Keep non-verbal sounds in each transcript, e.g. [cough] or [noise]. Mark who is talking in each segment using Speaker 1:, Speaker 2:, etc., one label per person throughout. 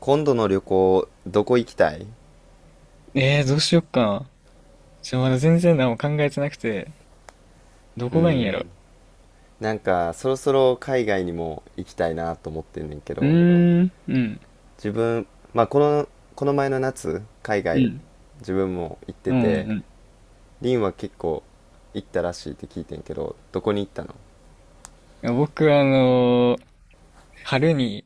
Speaker 1: 今度の旅行どこ行きたい？
Speaker 2: どうしよっか。まだ全然何も考えてなくて、ど
Speaker 1: う
Speaker 2: こがいいんや
Speaker 1: ん
Speaker 2: ろ。
Speaker 1: なんかそろそろ海外にも行きたいなと思ってんねんけ
Speaker 2: う
Speaker 1: ど
Speaker 2: ーん、うん、
Speaker 1: 自分。まあこの前の夏海
Speaker 2: う
Speaker 1: 外
Speaker 2: ん、
Speaker 1: 自分も行って
Speaker 2: うん、
Speaker 1: て、
Speaker 2: うん。い
Speaker 1: リンは結構行ったらしいって聞いてんけどどこに行ったの？
Speaker 2: や僕は、春に、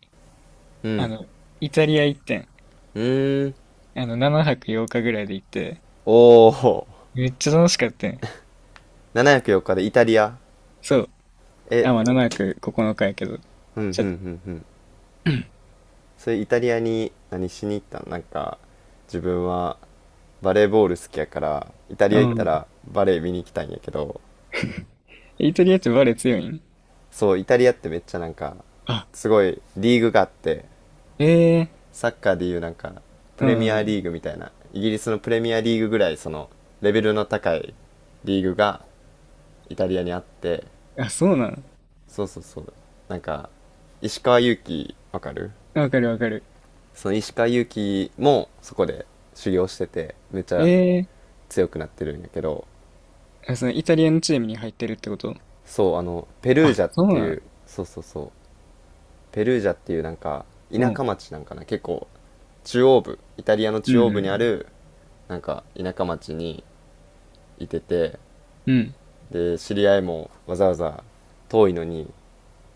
Speaker 1: う
Speaker 2: あ
Speaker 1: ん。
Speaker 2: の、イタリア行ってん。
Speaker 1: うーん。
Speaker 2: 7泊8日ぐらいで行って、
Speaker 1: おお。
Speaker 2: めっちゃ楽しかったん。
Speaker 1: 704日でイタリア？
Speaker 2: そう。
Speaker 1: え。
Speaker 2: あ、まあ、7泊9日やけど。
Speaker 1: うんうん
Speaker 2: ち
Speaker 1: う
Speaker 2: ょっと、
Speaker 1: んうん。それイタリアに何しに行ったの？なんか自分はバレーボール好きやからイタリ
Speaker 2: う
Speaker 1: ア行った
Speaker 2: ん。
Speaker 1: らバレー見に行きたいんやけど。
Speaker 2: イタリアってバレエ強いん？
Speaker 1: そうイタリアってめっちゃなんか
Speaker 2: あ、
Speaker 1: すごいリーグがあって、
Speaker 2: ええ
Speaker 1: サッカーでいうなんかプ
Speaker 2: う
Speaker 1: レミアリ
Speaker 2: ん。
Speaker 1: ーグみたいな、イギリスのプレミアリーグぐらいそのレベルの高いリーグがイタリアにあって、
Speaker 2: あ、そうなん。
Speaker 1: そうそうそう、なんか石川祐希わかる？
Speaker 2: わかるわかる。
Speaker 1: その石川祐希もそこで修行しててめっちゃ
Speaker 2: ええ。
Speaker 1: 強くなってるんやけど。
Speaker 2: あ、そのイタリアのチームに入ってるってこと？
Speaker 1: そうあのペルー
Speaker 2: あ、
Speaker 1: ジャっ
Speaker 2: そ
Speaker 1: て
Speaker 2: うな
Speaker 1: いう、
Speaker 2: ん。
Speaker 1: そうそうそう、ペルージャっていうなんか
Speaker 2: う
Speaker 1: 田
Speaker 2: ん。
Speaker 1: 舎町なんかな、結構中央部、イタリアの
Speaker 2: う
Speaker 1: 中
Speaker 2: ん
Speaker 1: 央
Speaker 2: う
Speaker 1: 部にあ
Speaker 2: ん。
Speaker 1: るなんか田舎町にいてて、
Speaker 2: うん。
Speaker 1: で知り合いもわざわざ遠いのに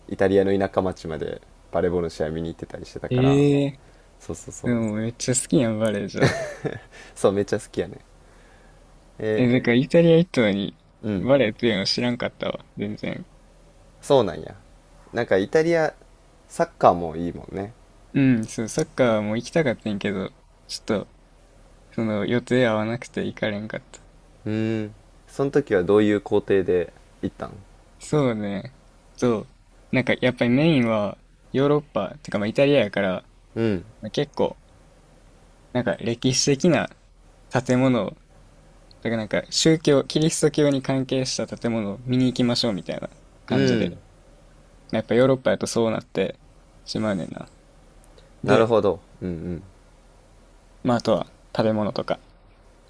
Speaker 1: イタリアの田舎町までバレーボールの試合見に行ってたりしてたから、
Speaker 2: ええ。
Speaker 1: そうそうそう。
Speaker 2: でもめっちゃ好きやん、バレエじゃあ。
Speaker 1: そうめっちゃ好きやね。え。
Speaker 2: え、だからイタリア行ったのに、
Speaker 1: ーうん。
Speaker 2: バレエっていうの知らんかったわ、全然。
Speaker 1: そうなんや。なんかイタリアサッカーもいいもんね。
Speaker 2: うん、そう、サッカーも行きたかったんやけど、ちょっと、その、予定合わなくて行かれんかった。
Speaker 1: うーん。その時はどういう工程で行ったん？
Speaker 2: そうね。そう。なんか、やっぱりメインは、ヨーロッパ、てかまあイタリアやから、
Speaker 1: うん。
Speaker 2: まあ、結構、なんか歴史的な建物を、だからなんか宗教、キリスト教に関係した建物を見に行きましょうみたいな
Speaker 1: う
Speaker 2: 感じ
Speaker 1: ん。
Speaker 2: で、やっぱヨーロッパやとそうなってしまうねんな。
Speaker 1: な
Speaker 2: で、
Speaker 1: るほど。うん
Speaker 2: まああとは食べ物とか。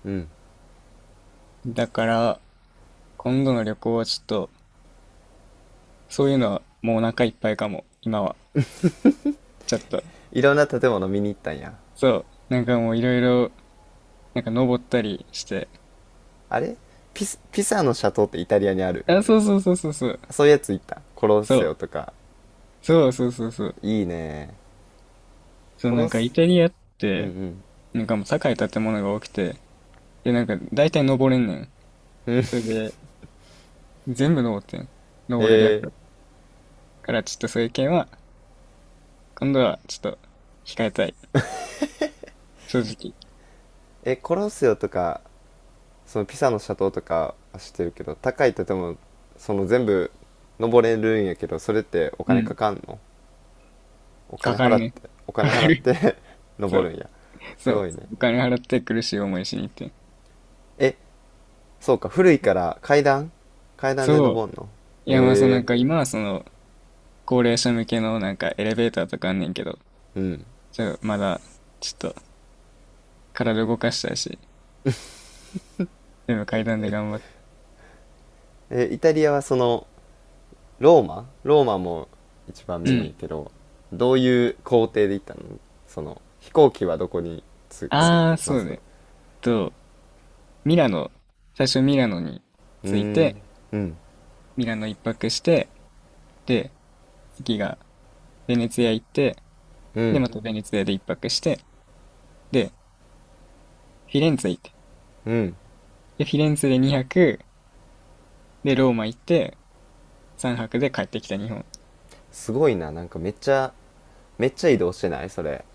Speaker 1: うん。うん。
Speaker 2: だから、今度の旅行はちょっと、そういうのはもうお腹いっぱいかも、今は。ちょっと。
Speaker 1: いろんな建物見に行ったんや。
Speaker 2: そう。なんかもういろいろ、なんか登ったりして。
Speaker 1: あれピサのシャトーってイタリアにある？
Speaker 2: あ、そうそうそうそうそう。
Speaker 1: そういうやつ行った。コロッ
Speaker 2: そ
Speaker 1: セオ
Speaker 2: う。
Speaker 1: とか。
Speaker 2: そうそうそうそう。
Speaker 1: いいね。
Speaker 2: そう、
Speaker 1: コロ
Speaker 2: な
Speaker 1: ッ
Speaker 2: んかイ
Speaker 1: セ、
Speaker 2: タリアっ
Speaker 1: うんう
Speaker 2: て、
Speaker 1: ん。
Speaker 2: なんかもう高い建物が多くて、で、なんか大体登れんねん。それで、全部登ってん。
Speaker 1: え
Speaker 2: 登れる
Speaker 1: ー、
Speaker 2: やつ。から、ちょっとそういう件は、今度はちょっと控えたい。正直。
Speaker 1: え、コロッセオとか、そのピサのシャトーとかは知ってるけど、高い建物、その全部登れるんやけど、それってお
Speaker 2: う
Speaker 1: 金か
Speaker 2: ん。
Speaker 1: かんの？お
Speaker 2: か
Speaker 1: 金
Speaker 2: かる
Speaker 1: 払っ
Speaker 2: ね。
Speaker 1: て、お
Speaker 2: か
Speaker 1: 金
Speaker 2: か
Speaker 1: 払っ
Speaker 2: る。
Speaker 1: て [laughs]
Speaker 2: そ
Speaker 1: 登
Speaker 2: う。
Speaker 1: るんや。す
Speaker 2: そう。
Speaker 1: ごいね。
Speaker 2: お金払って苦しい思いしに行って。
Speaker 1: え、そうか、古いから階段、で
Speaker 2: そう。
Speaker 1: 登んの？
Speaker 2: いや、まあ、そう、
Speaker 1: へ
Speaker 2: な
Speaker 1: え、
Speaker 2: んか今はその、高齢者向けのなんかエレベーターとかあんねんけど、
Speaker 1: うん。
Speaker 2: まだ、ちょっと、体動かしたいし、全部階段で頑張って。
Speaker 1: え、イタリアはその、ローマも一番
Speaker 2: う
Speaker 1: メインや
Speaker 2: ん。
Speaker 1: けど、どういう工程で行ったの？その、飛行機はどこに着くの？
Speaker 2: ああ、そ
Speaker 1: ま
Speaker 2: う
Speaker 1: ず。
Speaker 2: ね。と、ミラノ、最初ミラノに
Speaker 1: うー
Speaker 2: 着い
Speaker 1: ん、
Speaker 2: て、
Speaker 1: うん、
Speaker 2: ミラノ一泊して、で、次がベネツィア行って、
Speaker 1: う
Speaker 2: で、
Speaker 1: ん、
Speaker 2: またベネツィアで一泊して、で、フィレンツェ行って、
Speaker 1: うん。
Speaker 2: で、フィレンツェで2泊、で、ローマ行って、3泊で帰ってきた日本。
Speaker 1: すごいな、なんかめっちゃ、めっちゃ移動してないそれ？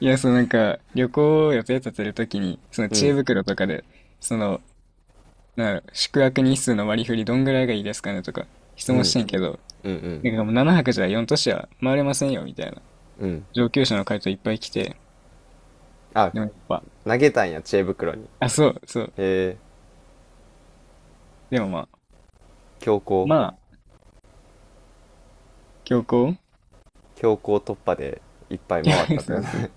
Speaker 2: いや、そのなんか、旅行を予定立てるときに、その
Speaker 1: う
Speaker 2: 知恵
Speaker 1: ん、
Speaker 2: 袋とかで、その、なんだろう宿泊日数の割り振りどんぐらいがいいですかねとか、質
Speaker 1: うん、う
Speaker 2: 問し
Speaker 1: ん、
Speaker 2: てんけど、
Speaker 1: うん、
Speaker 2: なんかもう7泊じゃ4都市は回れませんよ、みたいな。
Speaker 1: うん。
Speaker 2: 上級者の回答いっぱい来て、
Speaker 1: あ、
Speaker 2: でもやっぱ、
Speaker 1: 投げたんや、知恵袋に。
Speaker 2: あ、そうそう。
Speaker 1: へえ、
Speaker 2: でもまあ、
Speaker 1: 強行、
Speaker 2: まあ、強行
Speaker 1: 強行突破でいっぱい
Speaker 2: [laughs]
Speaker 1: 回ったってこ。
Speaker 2: そうそう。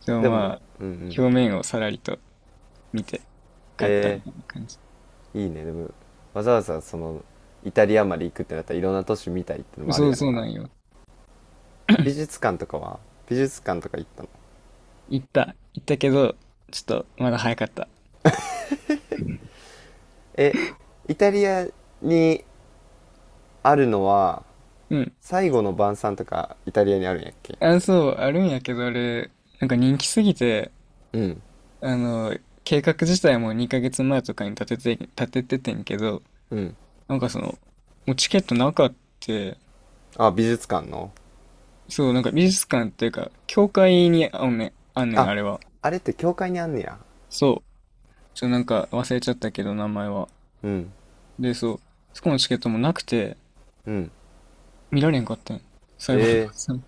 Speaker 2: そう、
Speaker 1: でも
Speaker 2: まあ、
Speaker 1: うんうん
Speaker 2: 表面をさらりと見て帰ったみ
Speaker 1: え
Speaker 2: たいな感じ。
Speaker 1: いいね。でもわざわざそのイタリアまで行くってなったらいろんな都市見たいってのもある
Speaker 2: そう
Speaker 1: やん
Speaker 2: そう
Speaker 1: な。
Speaker 2: なんよ。
Speaker 1: 美術館とかは美術館とか行ったの？
Speaker 2: 行った。行ったけど、ちょっとまだ早かった。
Speaker 1: え。イタリアにあるのは、
Speaker 2: うん。
Speaker 1: 最後の晩餐とかイタリアにあるんやっけ？
Speaker 2: あ、そう、あるんやけど、あれ、なんか人気すぎて、
Speaker 1: うん
Speaker 2: あの、計画自体も2ヶ月前とかに立てててんけど、
Speaker 1: うん。
Speaker 2: なんかその、もうチケットなかって、
Speaker 1: あ美術館の。
Speaker 2: そう、なんか美術館っていうか、教会にあんねん、
Speaker 1: あ、
Speaker 2: あれは。
Speaker 1: あれって教会にあんねや。
Speaker 2: そう。なんか忘れちゃったけど、名前は。
Speaker 1: うん
Speaker 2: で、そう、そこのチケットもなくて、
Speaker 1: うん。
Speaker 2: 見られんかったん。最後の
Speaker 1: え
Speaker 2: 晩餐。
Speaker 1: ー、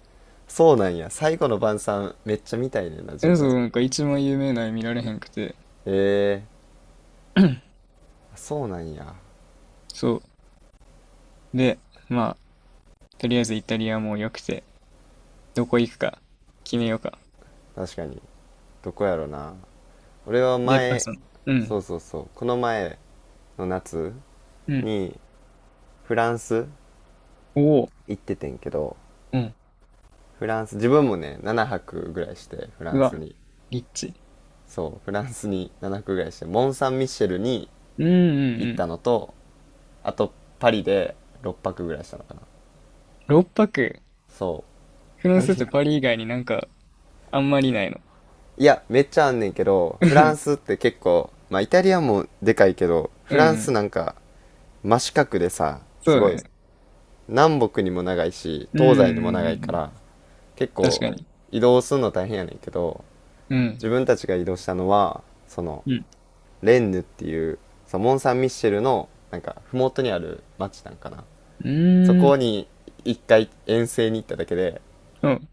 Speaker 1: そうなんや。最後の晩餐めっちゃ見たいねんな自
Speaker 2: え、そう、
Speaker 1: 分。
Speaker 2: なんか一番有名な絵見られへんくて、
Speaker 1: えー、そうなんや。
Speaker 2: そう。で、まあ、とりあえずイタリアも良くて、どこ行くか決めようか。
Speaker 1: 確かに。どこやろな。俺は
Speaker 2: で、やっぱ
Speaker 1: 前、
Speaker 2: その、う
Speaker 1: そ
Speaker 2: ん、
Speaker 1: うそうそう、この前の夏
Speaker 2: うん。
Speaker 1: にフランス
Speaker 2: おお、
Speaker 1: 行っててんけど、
Speaker 2: うん。
Speaker 1: フランス、自分もね、7泊ぐらいして、フラ
Speaker 2: う
Speaker 1: ン
Speaker 2: わ、
Speaker 1: スに。
Speaker 2: リッチ。
Speaker 1: そう、フランスに7泊ぐらいして、モン・サン・ミッシェルに
Speaker 2: うんうんう
Speaker 1: 行った
Speaker 2: ん。
Speaker 1: のと、あとパリで6泊ぐらいしたのかな。
Speaker 2: 6泊。
Speaker 1: そ
Speaker 2: フ
Speaker 1: う。
Speaker 2: ラ
Speaker 1: パ
Speaker 2: ンスって
Speaker 1: リ。
Speaker 2: パリ以外になんか、あんまりないの？
Speaker 1: いや、めっちゃあんねんけど、フランスっ
Speaker 2: [laughs]
Speaker 1: て結構、まあイタリアもでかいけど、フ
Speaker 2: うんう
Speaker 1: ランス
Speaker 2: ん。
Speaker 1: なんか真四角でさ、
Speaker 2: そう
Speaker 1: す
Speaker 2: だ
Speaker 1: ごい、
Speaker 2: ね。
Speaker 1: 南北にも長いし、
Speaker 2: うん
Speaker 1: 東西
Speaker 2: う
Speaker 1: にも
Speaker 2: ん
Speaker 1: 長い
Speaker 2: うんう
Speaker 1: か
Speaker 2: ん。
Speaker 1: ら、結
Speaker 2: 確
Speaker 1: 構
Speaker 2: かに。
Speaker 1: 移動するの大変やねんけど、
Speaker 2: うん。
Speaker 1: 自分たちが移動したのはその、
Speaker 2: うん。
Speaker 1: レンヌっていう、そのモン・サン・ミッシェルのなんか麓にある町なんかな、
Speaker 2: う
Speaker 1: そ
Speaker 2: ー
Speaker 1: こ
Speaker 2: ん。
Speaker 1: に一回遠征に行っただけで、
Speaker 2: うん。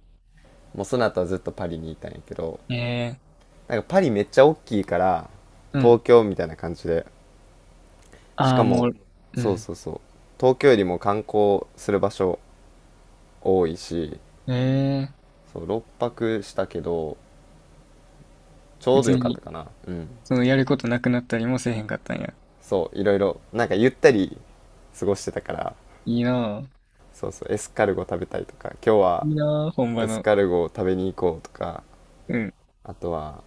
Speaker 1: もうその後はずっとパリにいたんやけど、
Speaker 2: え
Speaker 1: なんかパリめっちゃ大きいから、
Speaker 2: ー。うん。
Speaker 1: 東京みたいな感じで、し
Speaker 2: あ
Speaker 1: か
Speaker 2: あ、も
Speaker 1: も、
Speaker 2: う、う
Speaker 1: そう
Speaker 2: ん。
Speaker 1: そうそう、東京よりも観光する場所多いし、
Speaker 2: えー。
Speaker 1: そう6泊したけどちょうど
Speaker 2: 別
Speaker 1: よかった
Speaker 2: に、
Speaker 1: かな。うん。
Speaker 2: その、やることなくなったりもせえへんかったんや。
Speaker 1: そういろいろなんかゆったり過ごしてたから、
Speaker 2: いいなぁ。
Speaker 1: そうそう、エスカルゴ食べたりとか、今日は
Speaker 2: いいなぁ、本場
Speaker 1: エス
Speaker 2: の。
Speaker 1: カルゴを食べに行こうとか、
Speaker 2: うん。
Speaker 1: あとは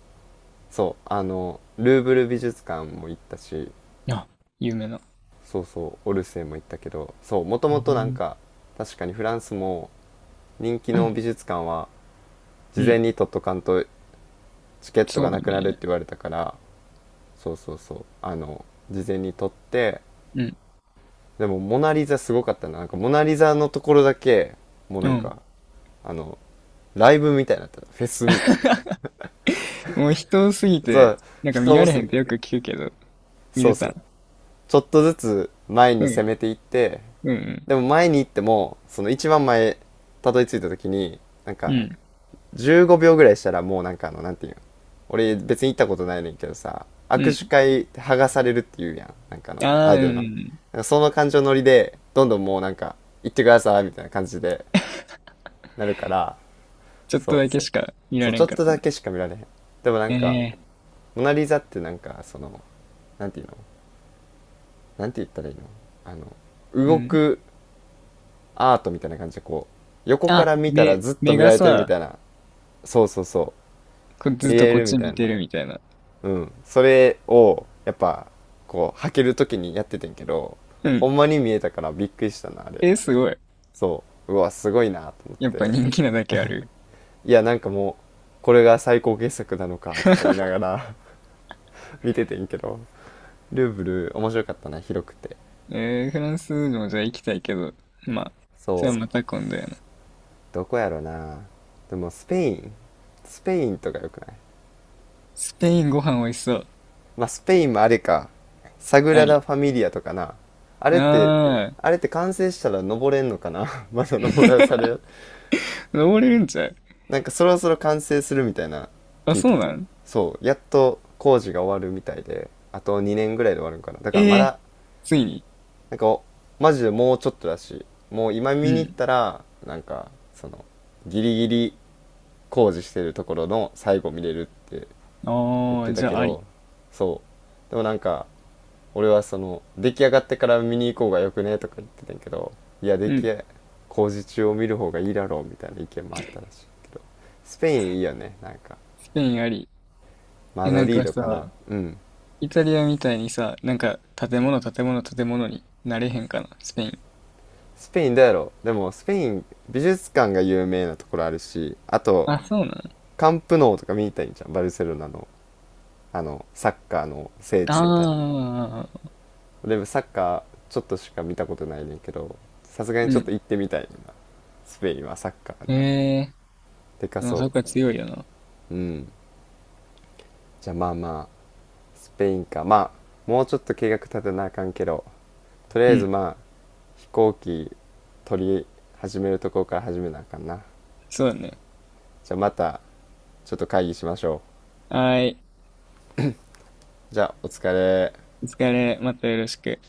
Speaker 1: そうあのルーブル美術館も行ったし、
Speaker 2: あ、有名な。
Speaker 1: そうそうオルセイも行ったけど、そうもと
Speaker 2: う
Speaker 1: もとなん
Speaker 2: ん
Speaker 1: か、確かにフランスも人気の美術館は事
Speaker 2: う
Speaker 1: 前
Speaker 2: ん。
Speaker 1: に取っとかんとチケット
Speaker 2: そう
Speaker 1: が
Speaker 2: よ
Speaker 1: なくなるっ
Speaker 2: ね。
Speaker 1: て言われたから、そうそうそう、あの事前に取って、
Speaker 2: うん。で
Speaker 1: でも「モナ・リザ」すごかったな。なんか「モナ・リザ」のところだけもうなん
Speaker 2: も、
Speaker 1: か、あの、ライブみたいになってた。フェスみたいな。
Speaker 2: もう人多すぎ
Speaker 1: そ
Speaker 2: て、
Speaker 1: う、
Speaker 2: なんか見
Speaker 1: 人
Speaker 2: ら
Speaker 1: 多
Speaker 2: れ
Speaker 1: す
Speaker 2: へ
Speaker 1: ぎ
Speaker 2: んっ
Speaker 1: た。
Speaker 2: てよく聞くけど、見
Speaker 1: そう
Speaker 2: れた
Speaker 1: そ
Speaker 2: ん？
Speaker 1: う。ちょっとずつ前
Speaker 2: う
Speaker 1: に攻
Speaker 2: ん。
Speaker 1: めていって、
Speaker 2: うん。
Speaker 1: でも前に行っても、その一番前、たどり着いた時に、なん
Speaker 2: う
Speaker 1: か、
Speaker 2: ん。
Speaker 1: 15秒ぐらいしたらもうなんかあの、なんていうの？俺別に行ったことないねんけどさ、
Speaker 2: う
Speaker 1: 握手
Speaker 2: ん。
Speaker 1: 会って剥がされるって言うやん。なんかあの、
Speaker 2: あ
Speaker 1: あ
Speaker 2: あ、
Speaker 1: れだ
Speaker 2: う
Speaker 1: よな。
Speaker 2: ん。
Speaker 1: なんかその感情乗りで、どんどんもうなんか、行ってくださいみたいな感じでなるから、
Speaker 2: ちょっ
Speaker 1: そ
Speaker 2: と
Speaker 1: う。
Speaker 2: だけしか見
Speaker 1: そ
Speaker 2: ら
Speaker 1: う、
Speaker 2: れ
Speaker 1: ち
Speaker 2: ん
Speaker 1: ょっ
Speaker 2: かっ
Speaker 1: と
Speaker 2: たな。
Speaker 1: だけしか見られへん。でもなんか、
Speaker 2: ええ
Speaker 1: モナ・リザってなんかその、なんていうの？なんて言ったらいいの？あの
Speaker 2: う
Speaker 1: 動
Speaker 2: ん。
Speaker 1: くアートみたいな感じで、こう横か
Speaker 2: あ、
Speaker 1: ら見たら
Speaker 2: 目、
Speaker 1: ずっと
Speaker 2: 目
Speaker 1: 見ら
Speaker 2: が
Speaker 1: れてるみ
Speaker 2: さ、
Speaker 1: たいな、そうそうそ
Speaker 2: こう
Speaker 1: う、見
Speaker 2: ずっと
Speaker 1: れ
Speaker 2: こっ
Speaker 1: るみ
Speaker 2: ち
Speaker 1: た
Speaker 2: 見
Speaker 1: い
Speaker 2: て
Speaker 1: な。
Speaker 2: るみたいな。
Speaker 1: うん。それをやっぱこう履ける時にやっててんけど、
Speaker 2: う
Speaker 1: ほ
Speaker 2: ん。
Speaker 1: んまに見えたからびっくりしたなあれ。
Speaker 2: えー、すごい。
Speaker 1: そう、うわすごいなと思っ
Speaker 2: やっぱ
Speaker 1: て、
Speaker 2: 人気なだけある。
Speaker 1: いやなんかもうこれが最高傑作なのかとか言いながら [laughs] 見ててんけど、ルーブル面白かったな、広くて。
Speaker 2: えー、フランスもじゃあ行きたいけど、まあ、
Speaker 1: そ
Speaker 2: それは
Speaker 1: う。
Speaker 2: また今度やな。
Speaker 1: どこやろな。でもスペインとかよくない？
Speaker 2: スペインご飯美味しそう。
Speaker 1: まあスペインもあれか、サグ
Speaker 2: あ
Speaker 1: ラダ・
Speaker 2: り。
Speaker 1: ファミリアとかな。あ
Speaker 2: あ
Speaker 1: れって
Speaker 2: あ、
Speaker 1: あれって完成したら登れんのかな [laughs] まだ登らされる。
Speaker 2: 登れるんちゃう？
Speaker 1: なんかそろそろ完成するみたいな
Speaker 2: あ、
Speaker 1: 聞いた。
Speaker 2: そうなん？
Speaker 1: そうやっと工事が終わるみたいで、あと2年ぐらいで終わるんかな。だから
Speaker 2: え
Speaker 1: ま
Speaker 2: え
Speaker 1: だ、
Speaker 2: ついに。
Speaker 1: なんかマジでもうちょっとだし、もう今
Speaker 2: う
Speaker 1: 見に行っ
Speaker 2: ん。
Speaker 1: たらなんかその、ギリギリ工事してるところの最後見れるって言っ
Speaker 2: ああ、
Speaker 1: て
Speaker 2: じ
Speaker 1: た
Speaker 2: ゃ
Speaker 1: け
Speaker 2: ああり。
Speaker 1: ど、そう、でもなんか、俺はその出来上がってから見に行こうがよくね、とか言ってたんやけど、いや出
Speaker 2: うん。
Speaker 1: 来工事中を見る方がいいだろうみたいな意見もあったらしいけど。スペインいいよねなんか、
Speaker 2: スペインあり。
Speaker 1: マ
Speaker 2: え、な
Speaker 1: ド
Speaker 2: ん
Speaker 1: リー
Speaker 2: か
Speaker 1: ドかな。
Speaker 2: さ、
Speaker 1: うん。
Speaker 2: イタリアみたいにさ、なんか建物建物建物になれへんかな、スペイン。
Speaker 1: スペインだやろ、でもスペイン美術館が有名なところあるし、あと
Speaker 2: あ、そうなの？
Speaker 1: カンプノーとか見に行たいいんじゃん、バルセロナのあのサッカーの聖地みたいな。
Speaker 2: ああー、
Speaker 1: でサッカーちょっとしか見たことないねんけど、さすがに
Speaker 2: う
Speaker 1: ちょっと
Speaker 2: ん。
Speaker 1: 行ってみたいな、スペインはサッカー
Speaker 2: ええ
Speaker 1: でか
Speaker 2: でもそ
Speaker 1: そ
Speaker 2: っか強いよな。
Speaker 1: う。うん。じゃあまあまあスペインか。まあもうちょっと計画立てなあかんけど、とりあ
Speaker 2: う
Speaker 1: えず
Speaker 2: ん、
Speaker 1: まあ飛行機取り始めるところから始めなあかんな。
Speaker 2: そうだね。
Speaker 1: じゃあまたちょっと会議しましょ
Speaker 2: はーい。
Speaker 1: う。じゃあお疲れ。
Speaker 2: お疲れ。またよろしく。